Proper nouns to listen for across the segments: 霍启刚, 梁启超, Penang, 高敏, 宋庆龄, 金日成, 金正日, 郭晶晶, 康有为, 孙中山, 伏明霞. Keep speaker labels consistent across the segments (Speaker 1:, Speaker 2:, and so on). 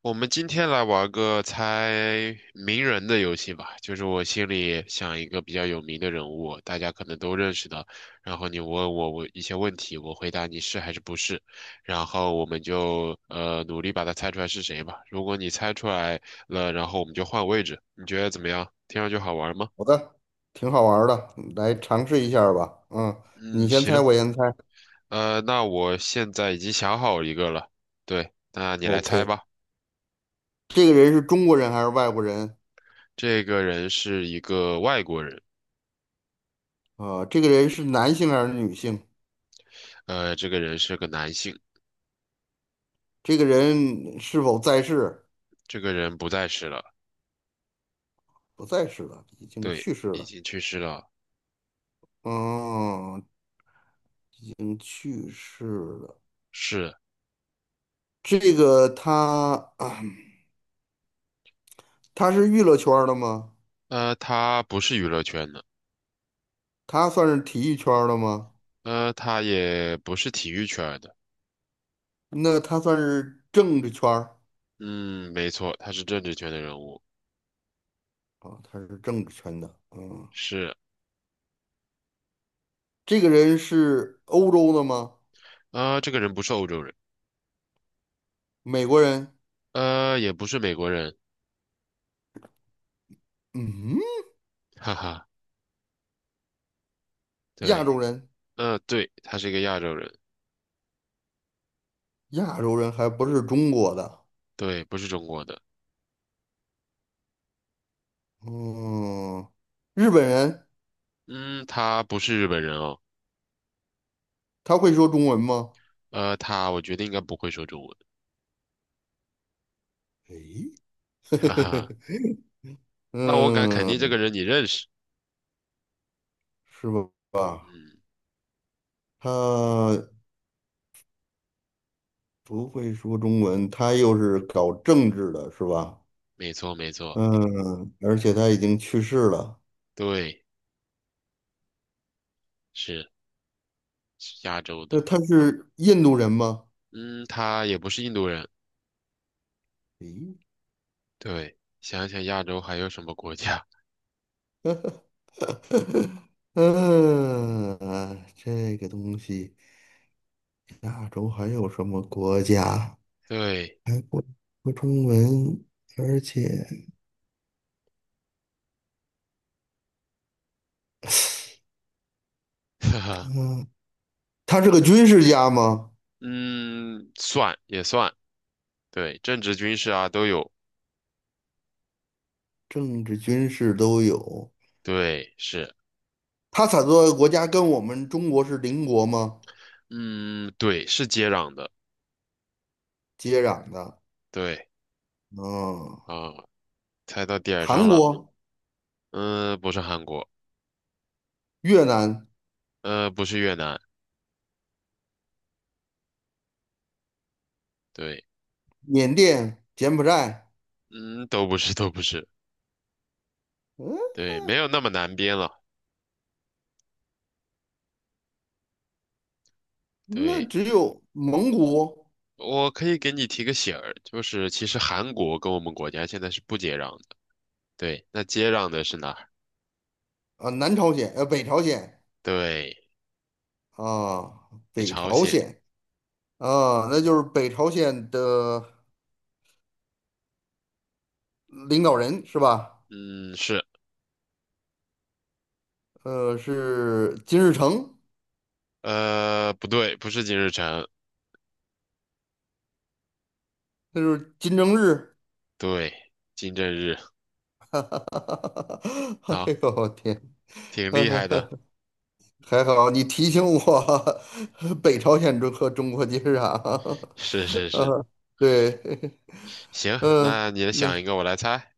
Speaker 1: 我们今天来玩个猜名人的游戏吧，就是我心里想一个比较有名的人物，大家可能都认识的，然后你问我一些问题，我回答你是还是不是，然后我们就努力把它猜出来是谁吧。如果你猜出来了，然后我们就换位置，你觉得怎么样？听上去好玩吗？
Speaker 2: 好的，挺好玩儿的，来尝试一下儿吧。嗯，你
Speaker 1: 嗯，
Speaker 2: 先猜，
Speaker 1: 行，
Speaker 2: 我先猜。
Speaker 1: 那我现在已经想好一个了。对，那你来猜
Speaker 2: OK，
Speaker 1: 吧。
Speaker 2: 这个人是中国人还是外国人？
Speaker 1: 这个人是一个外国人，
Speaker 2: 啊，这个人是男性还是女性？
Speaker 1: 这个人是个男性。
Speaker 2: 这个人是否在世？
Speaker 1: 这个人不在世了，
Speaker 2: 不在世了，已经
Speaker 1: 对，
Speaker 2: 去世
Speaker 1: 已
Speaker 2: 了。
Speaker 1: 经去世了。
Speaker 2: 嗯，已经去世了。
Speaker 1: 是，
Speaker 2: 这个他，他是娱乐圈儿的吗？
Speaker 1: 他不是娱乐圈的，
Speaker 2: 他算是体育圈儿的吗？
Speaker 1: 他也不是体育圈的。
Speaker 2: 那他算是政治圈儿
Speaker 1: 嗯，没错，他是政治圈的人物。
Speaker 2: 啊，他是政治圈的。嗯。
Speaker 1: 是，
Speaker 2: 这个人是欧洲的吗？
Speaker 1: 这个人不是欧洲人，
Speaker 2: 美国人？
Speaker 1: 也不是美国人，
Speaker 2: 嗯，
Speaker 1: 哈哈。
Speaker 2: 亚
Speaker 1: 对，
Speaker 2: 洲人？
Speaker 1: 对，他是一个亚洲人，
Speaker 2: 亚洲人还不是中国的。
Speaker 1: 对，不是中国的。
Speaker 2: 嗯，日本人。
Speaker 1: 嗯，他不是日本人哦，
Speaker 2: 他会说中文吗？
Speaker 1: 他我觉得应该不会说中文，
Speaker 2: 诶，
Speaker 1: 哈哈。那我敢肯定这
Speaker 2: 嗯，
Speaker 1: 个人你认识。
Speaker 2: 是吧？
Speaker 1: 嗯，
Speaker 2: 他不会说中文，他又是搞政治的，是吧？
Speaker 1: 没错，没错，
Speaker 2: 嗯，而且他已经去世了。
Speaker 1: 对，是是亚洲
Speaker 2: 那
Speaker 1: 的。
Speaker 2: 他是印度人吗？
Speaker 1: 嗯，他也不是印度人。
Speaker 2: 诶，
Speaker 1: 对，想想亚洲还有什么国家？
Speaker 2: 嗯，啊这个东西，亚洲还有什么国家
Speaker 1: 对，
Speaker 2: 还不说中文？而且，
Speaker 1: 哈哈，
Speaker 2: 嗯，他是个军事家吗？
Speaker 1: 嗯，算也算。对，政治、军事啊都有。
Speaker 2: 政治、军事都有。
Speaker 1: 对，是，
Speaker 2: 他所在的国家跟我们中国是邻国吗？
Speaker 1: 嗯，对，是接壤的。
Speaker 2: 接壤的。
Speaker 1: 对，
Speaker 2: 嗯，
Speaker 1: 啊，猜到点儿上
Speaker 2: 韩
Speaker 1: 了。
Speaker 2: 国、
Speaker 1: 嗯，不是韩国，
Speaker 2: 越南、
Speaker 1: 不是越南。对，
Speaker 2: 缅甸、柬埔寨，
Speaker 1: 嗯，都不是，都不是。
Speaker 2: 嗯，
Speaker 1: 对，没有那么难编了。
Speaker 2: 那
Speaker 1: 对，
Speaker 2: 只有蒙古
Speaker 1: 我可以给你提个醒儿，就是其实韩国跟我们国家现在是不接壤的。对，那接壤的是哪？
Speaker 2: 啊、南朝鲜、北朝鲜。
Speaker 1: 对，
Speaker 2: 啊，
Speaker 1: 是
Speaker 2: 北
Speaker 1: 朝
Speaker 2: 朝
Speaker 1: 鲜。
Speaker 2: 鲜啊，那就是北朝鲜的领导人是吧？
Speaker 1: 嗯，是，
Speaker 2: 是金日成，
Speaker 1: 不对，不是金日成。
Speaker 2: 那就是金正日。
Speaker 1: 对，金正日。
Speaker 2: 哎
Speaker 1: 好，
Speaker 2: 呦我天，
Speaker 1: 挺厉害的。
Speaker 2: 还好你提醒我，北朝鲜和中国接壤。
Speaker 1: 是是是，
Speaker 2: 呃，对，
Speaker 1: 行，那你
Speaker 2: 那
Speaker 1: 想一个，我来猜。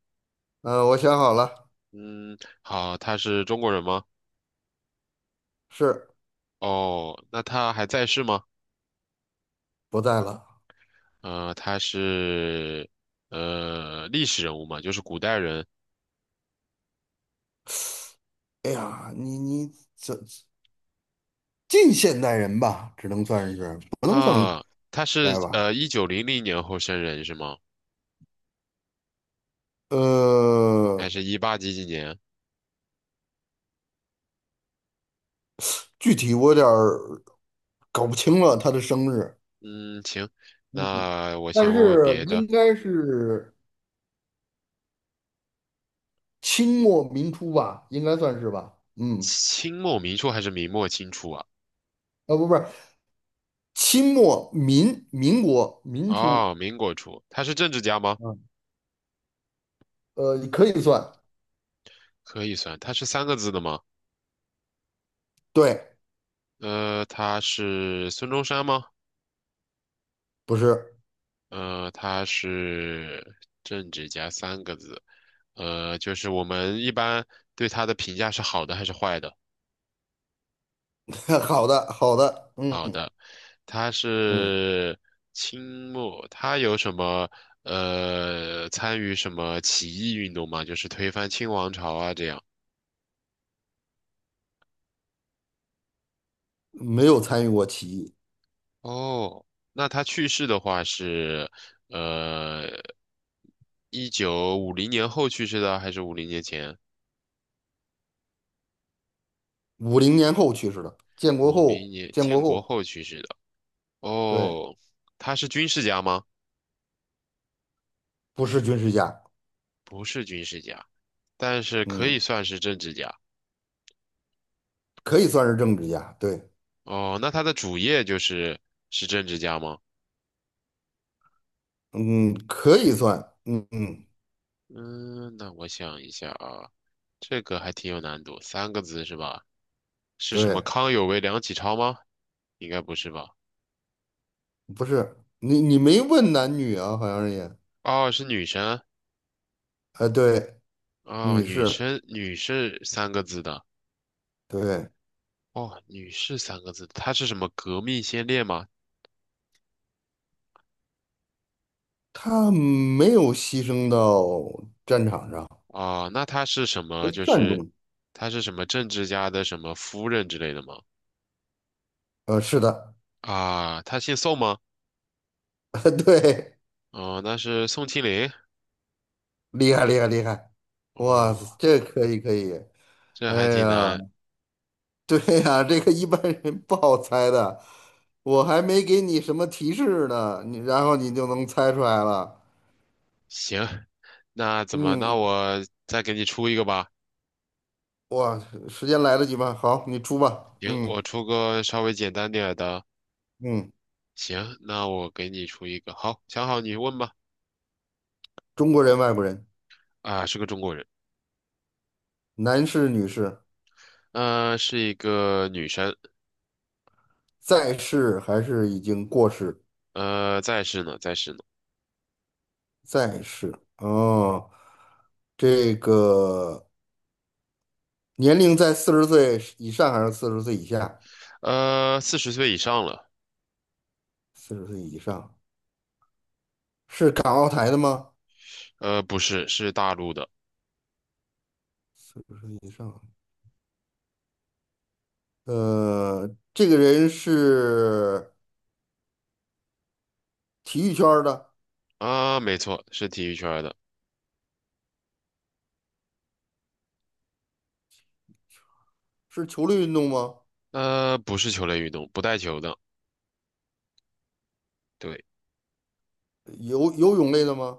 Speaker 2: 呃，我想好了，
Speaker 1: 嗯，好，他是中国人吗？
Speaker 2: 是。
Speaker 1: 哦，那他还在世吗？
Speaker 2: 不在了。
Speaker 1: 他是历史人物嘛，就是古代人
Speaker 2: 哎呀，你这近现代人吧，只能算是不能算古
Speaker 1: 啊。他是
Speaker 2: 代吧。
Speaker 1: 1900年后生人是吗？还
Speaker 2: 呃，
Speaker 1: 是一八几几年？
Speaker 2: 具体我有点儿搞不清了他的生日，
Speaker 1: 嗯，行，那我先
Speaker 2: 但
Speaker 1: 问问
Speaker 2: 是
Speaker 1: 别的。
Speaker 2: 应该是清末民初吧，应该算是吧。嗯，
Speaker 1: 清末民初还是明末清初啊？
Speaker 2: 啊不是，清末民民国民初，
Speaker 1: 哦，民国初，他是政治家吗？
Speaker 2: 嗯，可以算，
Speaker 1: 可以算，他是三个字的吗？
Speaker 2: 对，
Speaker 1: 他是孙中山吗？
Speaker 2: 不是，
Speaker 1: 他是政治家三个字。就是我们一般对他的评价是好的还是坏的？
Speaker 2: 好的好的，
Speaker 1: 好
Speaker 2: 嗯
Speaker 1: 的，他
Speaker 2: 嗯，
Speaker 1: 是清末，他有什么参与什么起义运动吗？就是推翻清王朝啊这样。
Speaker 2: 没有参与过起义，
Speaker 1: 哦，那他去世的话是，呃，1950年后去世的，还是五零年前？
Speaker 2: 50年后去世的，建国
Speaker 1: 五零
Speaker 2: 后
Speaker 1: 年
Speaker 2: 建国
Speaker 1: 建国
Speaker 2: 后，
Speaker 1: 后去世的。
Speaker 2: 对，
Speaker 1: 哦，他是军事家吗？
Speaker 2: 不是军事家，
Speaker 1: 不是军事家，但是可以
Speaker 2: 嗯，
Speaker 1: 算是政治家。
Speaker 2: 可以算是政治家，对。
Speaker 1: 哦，那他的主业就是政治家吗？
Speaker 2: 嗯，可以算，嗯嗯，
Speaker 1: 嗯，那我想一下啊，这个还挺有难度，三个字是吧？是什么
Speaker 2: 对，
Speaker 1: 康有为、梁启超吗？应该不是吧？
Speaker 2: 不是你没问男女啊，好像是也，
Speaker 1: 哦，是女生。
Speaker 2: 哎，对，
Speaker 1: 哦，
Speaker 2: 女
Speaker 1: 女
Speaker 2: 士，
Speaker 1: 生，女士三个字的。
Speaker 2: 对，
Speaker 1: 哦，女士三个字，她是什么革命先烈吗？
Speaker 2: 她没有牺牲到战场上，
Speaker 1: 啊，那她是什
Speaker 2: 是
Speaker 1: 么？就
Speaker 2: 善
Speaker 1: 是
Speaker 2: 终，
Speaker 1: 她是什么政治家的什么夫人之类的吗？
Speaker 2: 是的，
Speaker 1: 啊，她姓宋吗？
Speaker 2: 对，
Speaker 1: 哦，那是宋庆龄。
Speaker 2: 厉害厉害厉害，哇
Speaker 1: 哦，
Speaker 2: 塞，这可以可以，
Speaker 1: 这
Speaker 2: 哎
Speaker 1: 还挺
Speaker 2: 呀，
Speaker 1: 难。
Speaker 2: 对呀，这个一般人不好猜的，我还没给你什么提示呢，然后你就能猜出来了，
Speaker 1: 行，那怎么？那
Speaker 2: 嗯。
Speaker 1: 我再给你出一个吧。
Speaker 2: 哇，时间来得及吗？好，你出吧。
Speaker 1: 行，
Speaker 2: 嗯
Speaker 1: 我出个稍微简单点儿的。
Speaker 2: 嗯，
Speaker 1: 行，那我给你出一个。好，想好你问吧。
Speaker 2: 中国人、外国人，
Speaker 1: 啊，是个中国人，
Speaker 2: 男士、女士，
Speaker 1: 是一个女生。
Speaker 2: 在世还是已经过世？
Speaker 1: 在世呢，
Speaker 2: 在世。哦，这个年龄在四十岁以上还是四十岁以下？
Speaker 1: 40岁以上了。
Speaker 2: 四十岁以上，是港澳台的吗？
Speaker 1: 不是，是大陆的。
Speaker 2: 四十岁以上。这个人是体育圈儿的，
Speaker 1: 啊，没错，是体育圈的。
Speaker 2: 是球类运动吗？
Speaker 1: 不是球类运动，不带球的。对，
Speaker 2: 游泳类的吗？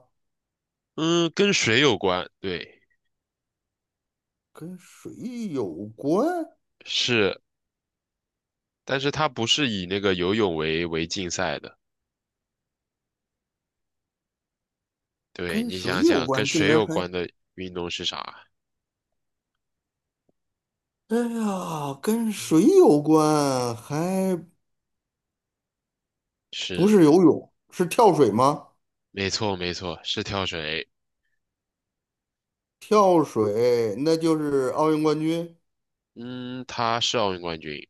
Speaker 1: 嗯，跟水有关，对，
Speaker 2: 跟水有关？
Speaker 1: 是，但是它不是以那个游泳为竞赛的。对，
Speaker 2: 跟
Speaker 1: 你
Speaker 2: 水
Speaker 1: 想
Speaker 2: 有
Speaker 1: 想，跟
Speaker 2: 关，竟
Speaker 1: 水
Speaker 2: 然
Speaker 1: 有
Speaker 2: 还，
Speaker 1: 关的运动是啥？
Speaker 2: 哎呀，跟
Speaker 1: 对，
Speaker 2: 水有关，还不
Speaker 1: 是，
Speaker 2: 是游泳，是跳水吗？
Speaker 1: 没错，没错，是跳水。
Speaker 2: 跳水，那就是奥运冠军，
Speaker 1: 嗯，他是奥运冠军，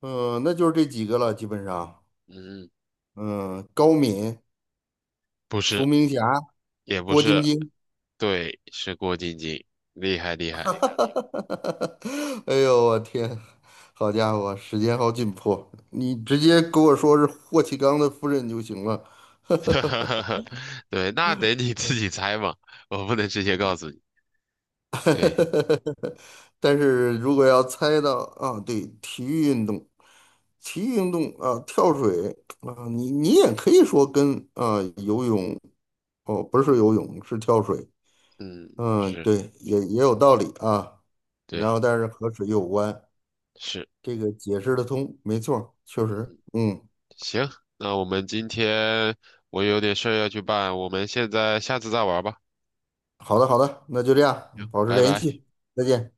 Speaker 2: 嗯、那就是这几个了，基本上，
Speaker 1: 嗯，
Speaker 2: 嗯、高敏、
Speaker 1: 不是，
Speaker 2: 伏明霞、
Speaker 1: 也不
Speaker 2: 郭晶
Speaker 1: 是，
Speaker 2: 晶，
Speaker 1: 对，是郭晶晶，厉害厉害。
Speaker 2: 哎呦，我天，好家伙，时间好紧迫，你直接给我说是霍启刚的夫人就行了，
Speaker 1: 哈哈 哈，对，那得你自己猜嘛，我不能直接告诉你。
Speaker 2: 呵呵
Speaker 1: 对，
Speaker 2: 呵但是如果要猜到啊，对，体育运动，体育运动啊，跳水啊，你也可以说跟啊游泳哦，不是游泳，是跳水，
Speaker 1: 嗯，
Speaker 2: 嗯，
Speaker 1: 是，
Speaker 2: 对，也有道理啊。然
Speaker 1: 对，
Speaker 2: 后但是和水有关，
Speaker 1: 是，
Speaker 2: 这个解释的通，没错儿确实，
Speaker 1: 嗯，
Speaker 2: 嗯，
Speaker 1: 行，那我们今天我有点事儿要去办，我们现在下次再玩吧。
Speaker 2: 好的好的，那就这样，
Speaker 1: 行，
Speaker 2: 保持
Speaker 1: 拜
Speaker 2: 联
Speaker 1: 拜。
Speaker 2: 系，再见。